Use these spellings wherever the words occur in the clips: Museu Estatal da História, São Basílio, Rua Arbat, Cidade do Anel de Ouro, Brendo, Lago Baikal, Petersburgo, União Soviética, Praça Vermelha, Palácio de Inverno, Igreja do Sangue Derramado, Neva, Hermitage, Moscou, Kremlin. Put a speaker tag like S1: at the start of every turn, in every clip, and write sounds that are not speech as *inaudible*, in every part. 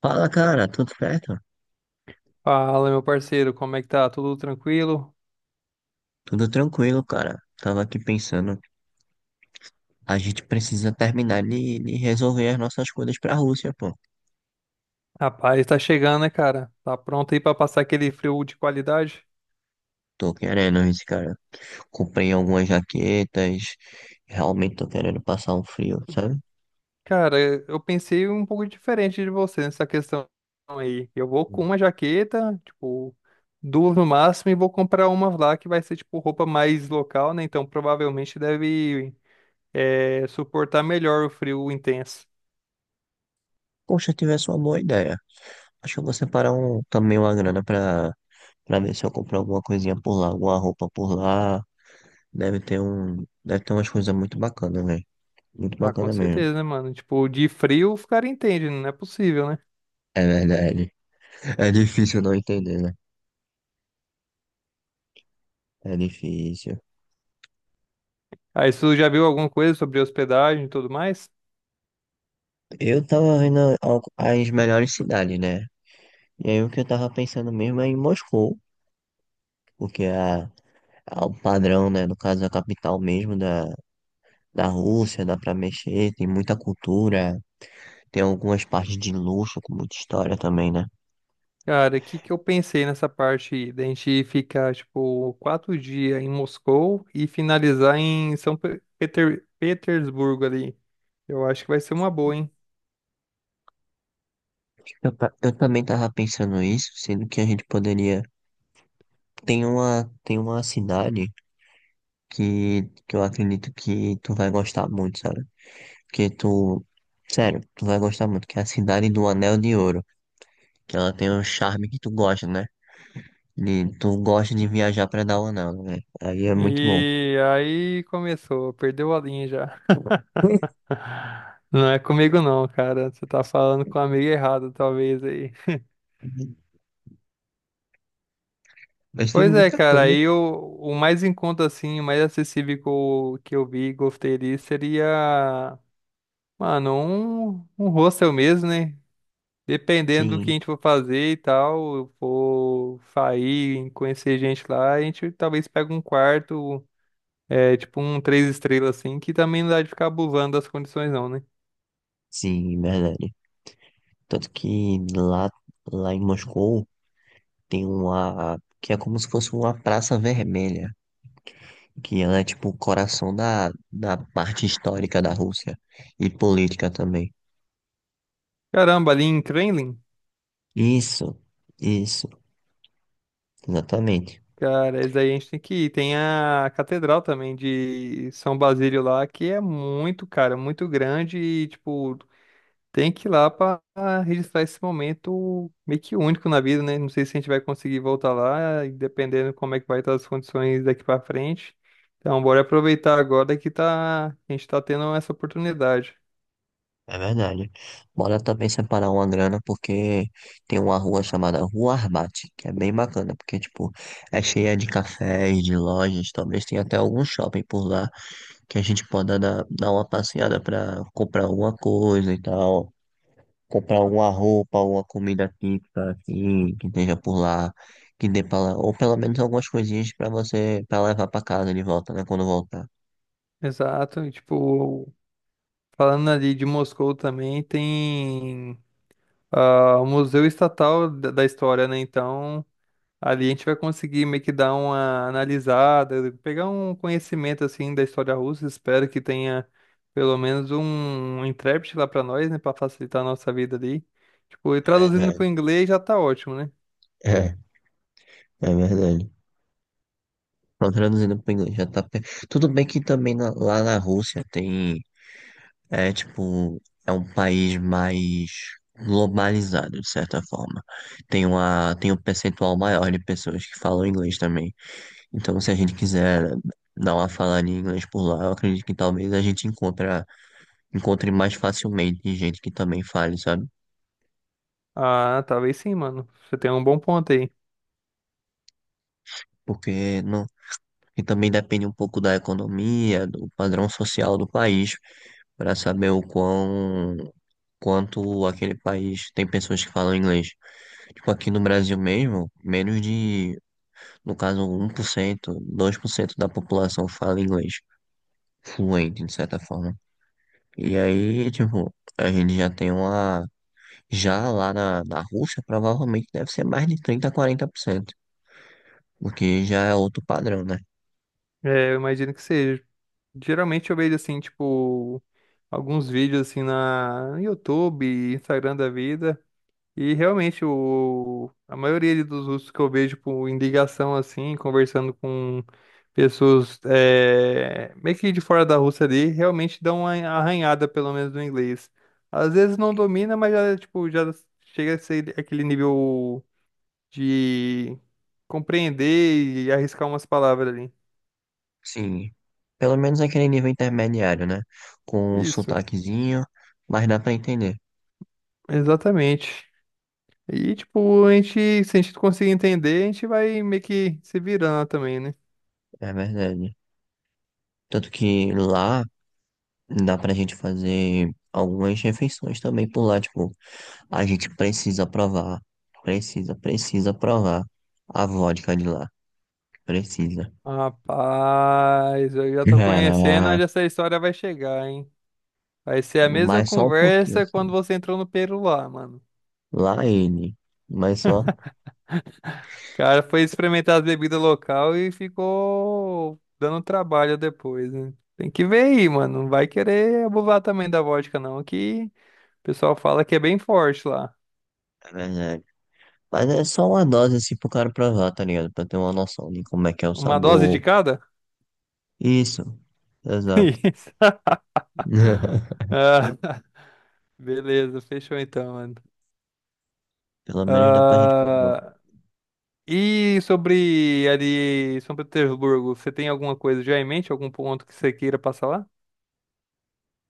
S1: Fala, cara, tudo certo?
S2: Fala, meu parceiro, como é que tá? Tudo tranquilo?
S1: Tudo tranquilo, cara. Tava aqui pensando, a gente precisa terminar de resolver as nossas coisas pra Rússia, pô.
S2: Rapaz, tá chegando, né, cara? Tá pronto aí pra passar aquele frio de qualidade?
S1: Tô querendo isso, cara. Comprei algumas jaquetas, realmente tô querendo passar um frio, sabe?
S2: Cara, eu pensei um pouco diferente de você nessa questão aí. Eu vou com uma jaqueta, tipo, duas no máximo, e vou comprar uma lá que vai ser, tipo, roupa mais local, né? Então provavelmente deve, é, suportar melhor o frio intenso.
S1: Poxa, tivesse uma boa ideia. Acho que eu vou separar um, também uma grana pra ver se eu compro alguma coisinha por lá, alguma roupa por lá. Deve ter umas coisas muito bacanas, velho. Muito
S2: Ah, com
S1: bacana mesmo.
S2: certeza, né, mano? Tipo, de frio o cara entende, não é possível, né?
S1: É verdade. *laughs* É difícil não entender, né? É difícil.
S2: Aí, você já viu alguma coisa sobre hospedagem e tudo mais?
S1: Eu tava vendo as melhores cidades, né? E aí o que eu tava pensando mesmo é em Moscou, porque é, a- é o padrão, né? No caso, é a capital mesmo da Rússia, dá pra mexer, tem muita cultura, tem algumas partes de luxo, com muita história também, né?
S2: Cara, o que que eu pensei nessa parte aí, da gente ficar, tipo, 4 dias em Moscou e finalizar em Petersburgo ali. Eu acho que vai ser uma boa, hein?
S1: Eu também tava pensando isso, sendo que a gente poderia. Tem uma cidade que eu acredito que tu vai gostar muito, sabe? Porque tu. Sério, tu vai gostar muito, que é a Cidade do Anel de Ouro. Que ela tem um charme que tu gosta, né? De, tu gosta de viajar pra dar aula nela, né? Aí é muito bom.
S2: E aí começou, perdeu a linha já.
S1: *laughs*
S2: *laughs* Não é comigo não, cara. Você tá falando com a amiga errada, talvez aí.
S1: Mas tem
S2: Pois é,
S1: muita
S2: cara,
S1: coisa.
S2: aí o mais em conta, assim, o mais acessível que eu vi e gostei ali seria, mano, um hostel mesmo, né? Dependendo do que
S1: Sim,
S2: a gente for fazer e tal, eu for sair, conhecer gente lá, a gente talvez pegue um quarto, tipo um três estrelas assim, que também não dá de ficar abusando das condições não, né?
S1: sim, verdade. Tanto que lá, lá em Moscou tem uma que é como se fosse uma praça vermelha, que ela é tipo o coração da parte histórica da Rússia e política também.
S2: Caramba, ali em Kremlin,
S1: Isso, isso, exatamente.
S2: cara, isso aí a gente tem que ir. Tem a catedral também de São Basílio lá, que é muito, cara, muito grande e, tipo, tem que ir lá para registrar esse momento meio que único na vida, né? Não sei se a gente vai conseguir voltar lá, e dependendo como é que vai estar as condições daqui para frente. Então, bora aproveitar agora que tá, a gente tá tendo essa oportunidade.
S1: É verdade. Bora também separar uma grana, porque tem uma rua chamada Rua Arbat, que é bem bacana, porque, tipo, é cheia de cafés, de lojas, talvez tenha até algum shopping por lá, que a gente possa dar uma passeada pra comprar alguma coisa e tal, comprar alguma roupa, alguma comida típica, assim, que esteja por lá, que dê pra lá, ou pelo menos algumas coisinhas pra você, pra levar pra casa de volta, né, quando voltar.
S2: Exato, e tipo, falando ali de Moscou também, tem o Museu Estatal da História, né? Então, ali a gente vai conseguir meio que dar uma analisada, pegar um conhecimento assim da história russa. Espero que tenha pelo menos um intérprete lá para nós, né, para facilitar a nossa vida ali. Tipo, e
S1: É
S2: traduzindo para o
S1: verdade.
S2: inglês já tá ótimo, né?
S1: É, é verdade. Não, traduzindo para inglês, já tá. Tudo bem que também lá na Rússia tem. É tipo. É um país mais globalizado, de certa forma. Tem um percentual maior de pessoas que falam inglês também. Então, se a gente quiser dar uma falada em inglês por lá, eu acredito que talvez encontre mais facilmente gente que também fale, sabe?
S2: Ah, talvez sim, mano. Você tem um bom ponto aí.
S1: Porque não, e também depende um pouco da economia, do padrão social do país, para saber o quão quanto aquele país tem pessoas que falam inglês. Tipo, aqui no Brasil mesmo, no caso, 1% 2% da população fala inglês fluente, de certa forma. E aí, tipo, a gente já tem uma. Já lá na Rússia, provavelmente deve ser mais de 30 a 40% porque já é outro padrão, né?
S2: É, eu imagino que seja. Geralmente eu vejo assim, tipo, alguns vídeos assim na no YouTube, Instagram da vida. E realmente, o, a maioria dos russos que eu vejo em ligação assim, conversando com pessoas é, meio que de fora da Rússia ali, realmente dão uma arranhada, pelo menos no inglês. Às vezes não domina, mas já, tipo, já chega a ser aquele nível de compreender e arriscar umas palavras ali.
S1: Sim, pelo menos aquele nível intermediário, né? Com um
S2: Isso,
S1: sotaquezinho, mas dá pra entender,
S2: exatamente. E, tipo, a gente, se a gente conseguir entender, a gente vai meio que se virando também, né?
S1: é verdade. Tanto que lá dá pra gente fazer algumas refeições também por lá. Tipo, a gente precisa provar. Precisa provar a vodka de lá. Precisa.
S2: Rapaz, eu já tô conhecendo
S1: É,
S2: onde essa história vai chegar, hein? Vai ser a mesma
S1: mas só um pouquinho,
S2: conversa quando
S1: assim.
S2: você entrou no Peru lá, mano.
S1: Lá ele. Mas só.
S2: O cara foi experimentar as bebidas local e ficou dando trabalho depois, né? Tem que ver aí, mano. Não vai querer abusar também da vodka, não, que o pessoal fala que é bem forte lá.
S1: É verdade. Mas é só uma dose, assim, pro cara provar, tá ligado? Pra ter uma noção de como é que é o
S2: Uma dose de
S1: sabor.
S2: cada?
S1: Isso.
S2: *laughs*
S1: Exato.
S2: Isso.
S1: *laughs*
S2: Ah, beleza, fechou então, mano.
S1: Pelo menos dá pra gente provar.
S2: Ah, e sobre ali, São Petersburgo, você tem alguma coisa já em mente? Algum ponto que você queira passar lá?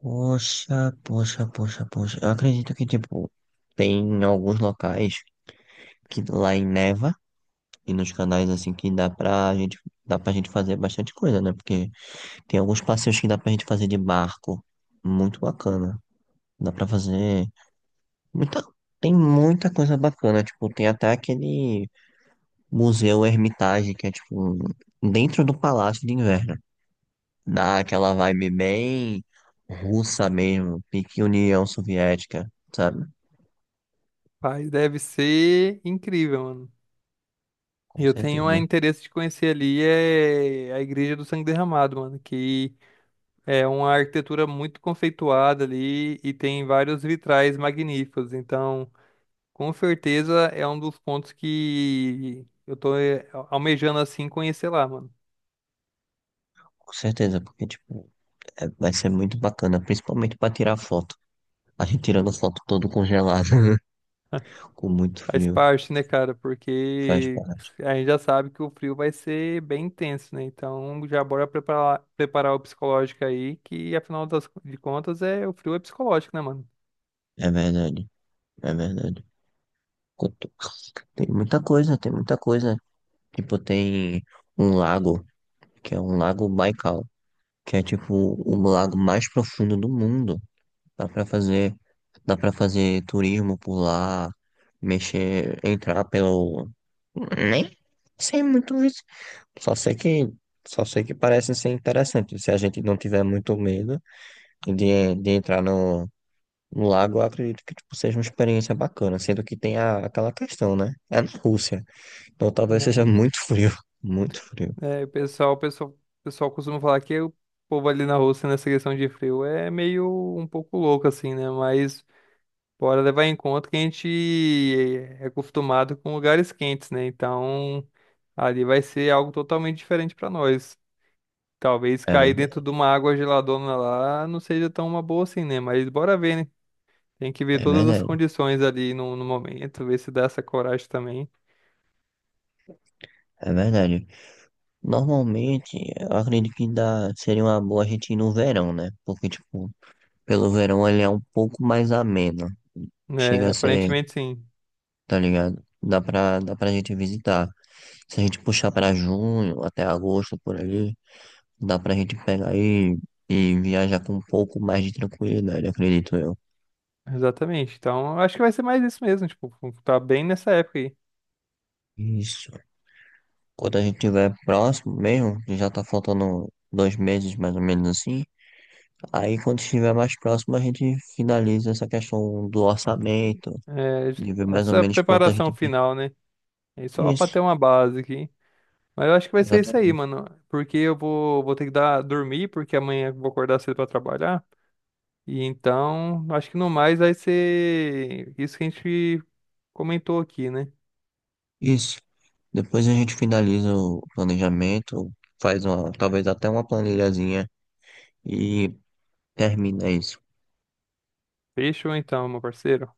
S1: Poxa, poxa, poxa, poxa. Eu acredito que, tipo, tem alguns locais. Que lá em Neva e nos canais assim que dá pra gente fazer bastante coisa, né? Porque tem alguns passeios que dá pra gente fazer de barco, muito bacana. Dá pra fazer muita tem muita coisa bacana, tipo, tem até aquele museu Hermitage que é tipo dentro do Palácio de Inverno. Dá aquela vibe bem russa mesmo, pique União Soviética, sabe?
S2: Rapaz, deve ser incrível, mano.
S1: Com
S2: Eu tenho
S1: certeza.
S2: interesse de conhecer ali é a Igreja do Sangue Derramado, mano, que é uma arquitetura muito conceituada ali e tem vários vitrais magníficos. Então, com certeza é um dos pontos que eu tô almejando assim conhecer lá, mano.
S1: Com certeza, porque tipo, vai ser muito bacana, principalmente pra tirar foto. A gente tirando foto todo congelado, *laughs* com muito
S2: Faz
S1: frio,
S2: parte, né, cara?
S1: faz
S2: Porque
S1: parte.
S2: a gente já sabe que o frio vai ser bem intenso, né? Então já bora preparar, preparar o psicológico aí, que afinal de contas é o frio é psicológico, né, mano?
S1: É verdade, é verdade. Quanto- tem muita coisa, tem muita coisa. Tipo, tem um lago, que é um lago Baikal, que é tipo o lago mais profundo do mundo. Dá pra fazer, dá pra fazer turismo por lá, mexer, entrar pelo. Nem sei muito isso. Só sei que, só sei que parece ser interessante. Se a gente não tiver muito medo de entrar no lago, eu acredito que tipo, seja uma experiência bacana, sendo que tem a, aquela questão, né? É na Rússia, então
S2: É
S1: talvez
S2: na
S1: seja muito
S2: Rússia.
S1: frio, *laughs* muito frio.
S2: É, o pessoal costuma falar que o povo ali na Rússia nessa questão de frio é meio um pouco louco, assim, né? Mas bora levar em conta que a gente é acostumado com lugares quentes, né? Então ali vai ser algo totalmente diferente pra nós. Talvez
S1: É
S2: cair dentro de
S1: verdade,
S2: uma água geladona lá não seja tão uma boa assim, né? Mas bora ver, né? Tem que ver
S1: é
S2: todas as
S1: verdade,
S2: condições ali no momento, ver se dá essa coragem também.
S1: é verdade. Normalmente, eu acredito que dá, seria uma boa a gente ir no verão, né? Porque, tipo, pelo verão ele é um pouco mais ameno. Chega
S2: É,
S1: a ser,
S2: aparentemente sim.
S1: tá ligado? Dá pra gente visitar. Se a gente puxar pra junho, até agosto, por ali. Dá pra gente pegar e viajar com um pouco mais de tranquilidade, acredito eu.
S2: Exatamente. Então, eu acho que vai ser mais isso mesmo, tipo, tá bem nessa época aí.
S1: Isso. Quando a gente estiver próximo mesmo, que já tá faltando 2 meses mais ou menos assim. Aí quando estiver mais próximo, a gente finaliza essa questão do orçamento, de ver
S2: É,
S1: mais ou
S2: essa
S1: menos quanto a gente.
S2: preparação
S1: Pre-
S2: final, né? É só pra
S1: isso,
S2: ter uma base aqui. Mas eu acho que vai ser isso aí,
S1: exatamente.
S2: mano. Porque eu vou, ter que dar, dormir, porque amanhã eu vou acordar cedo pra trabalhar. E então, acho que no mais vai ser isso que a gente comentou aqui, né?
S1: Isso. Depois a gente finaliza o planejamento, faz uma, talvez até uma planilhazinha e termina isso.
S2: Fechou então, meu parceiro.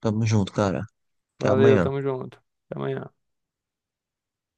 S1: Tamo junto, cara. Até
S2: Valeu,
S1: amanhã.
S2: tamo junto. Até amanhã.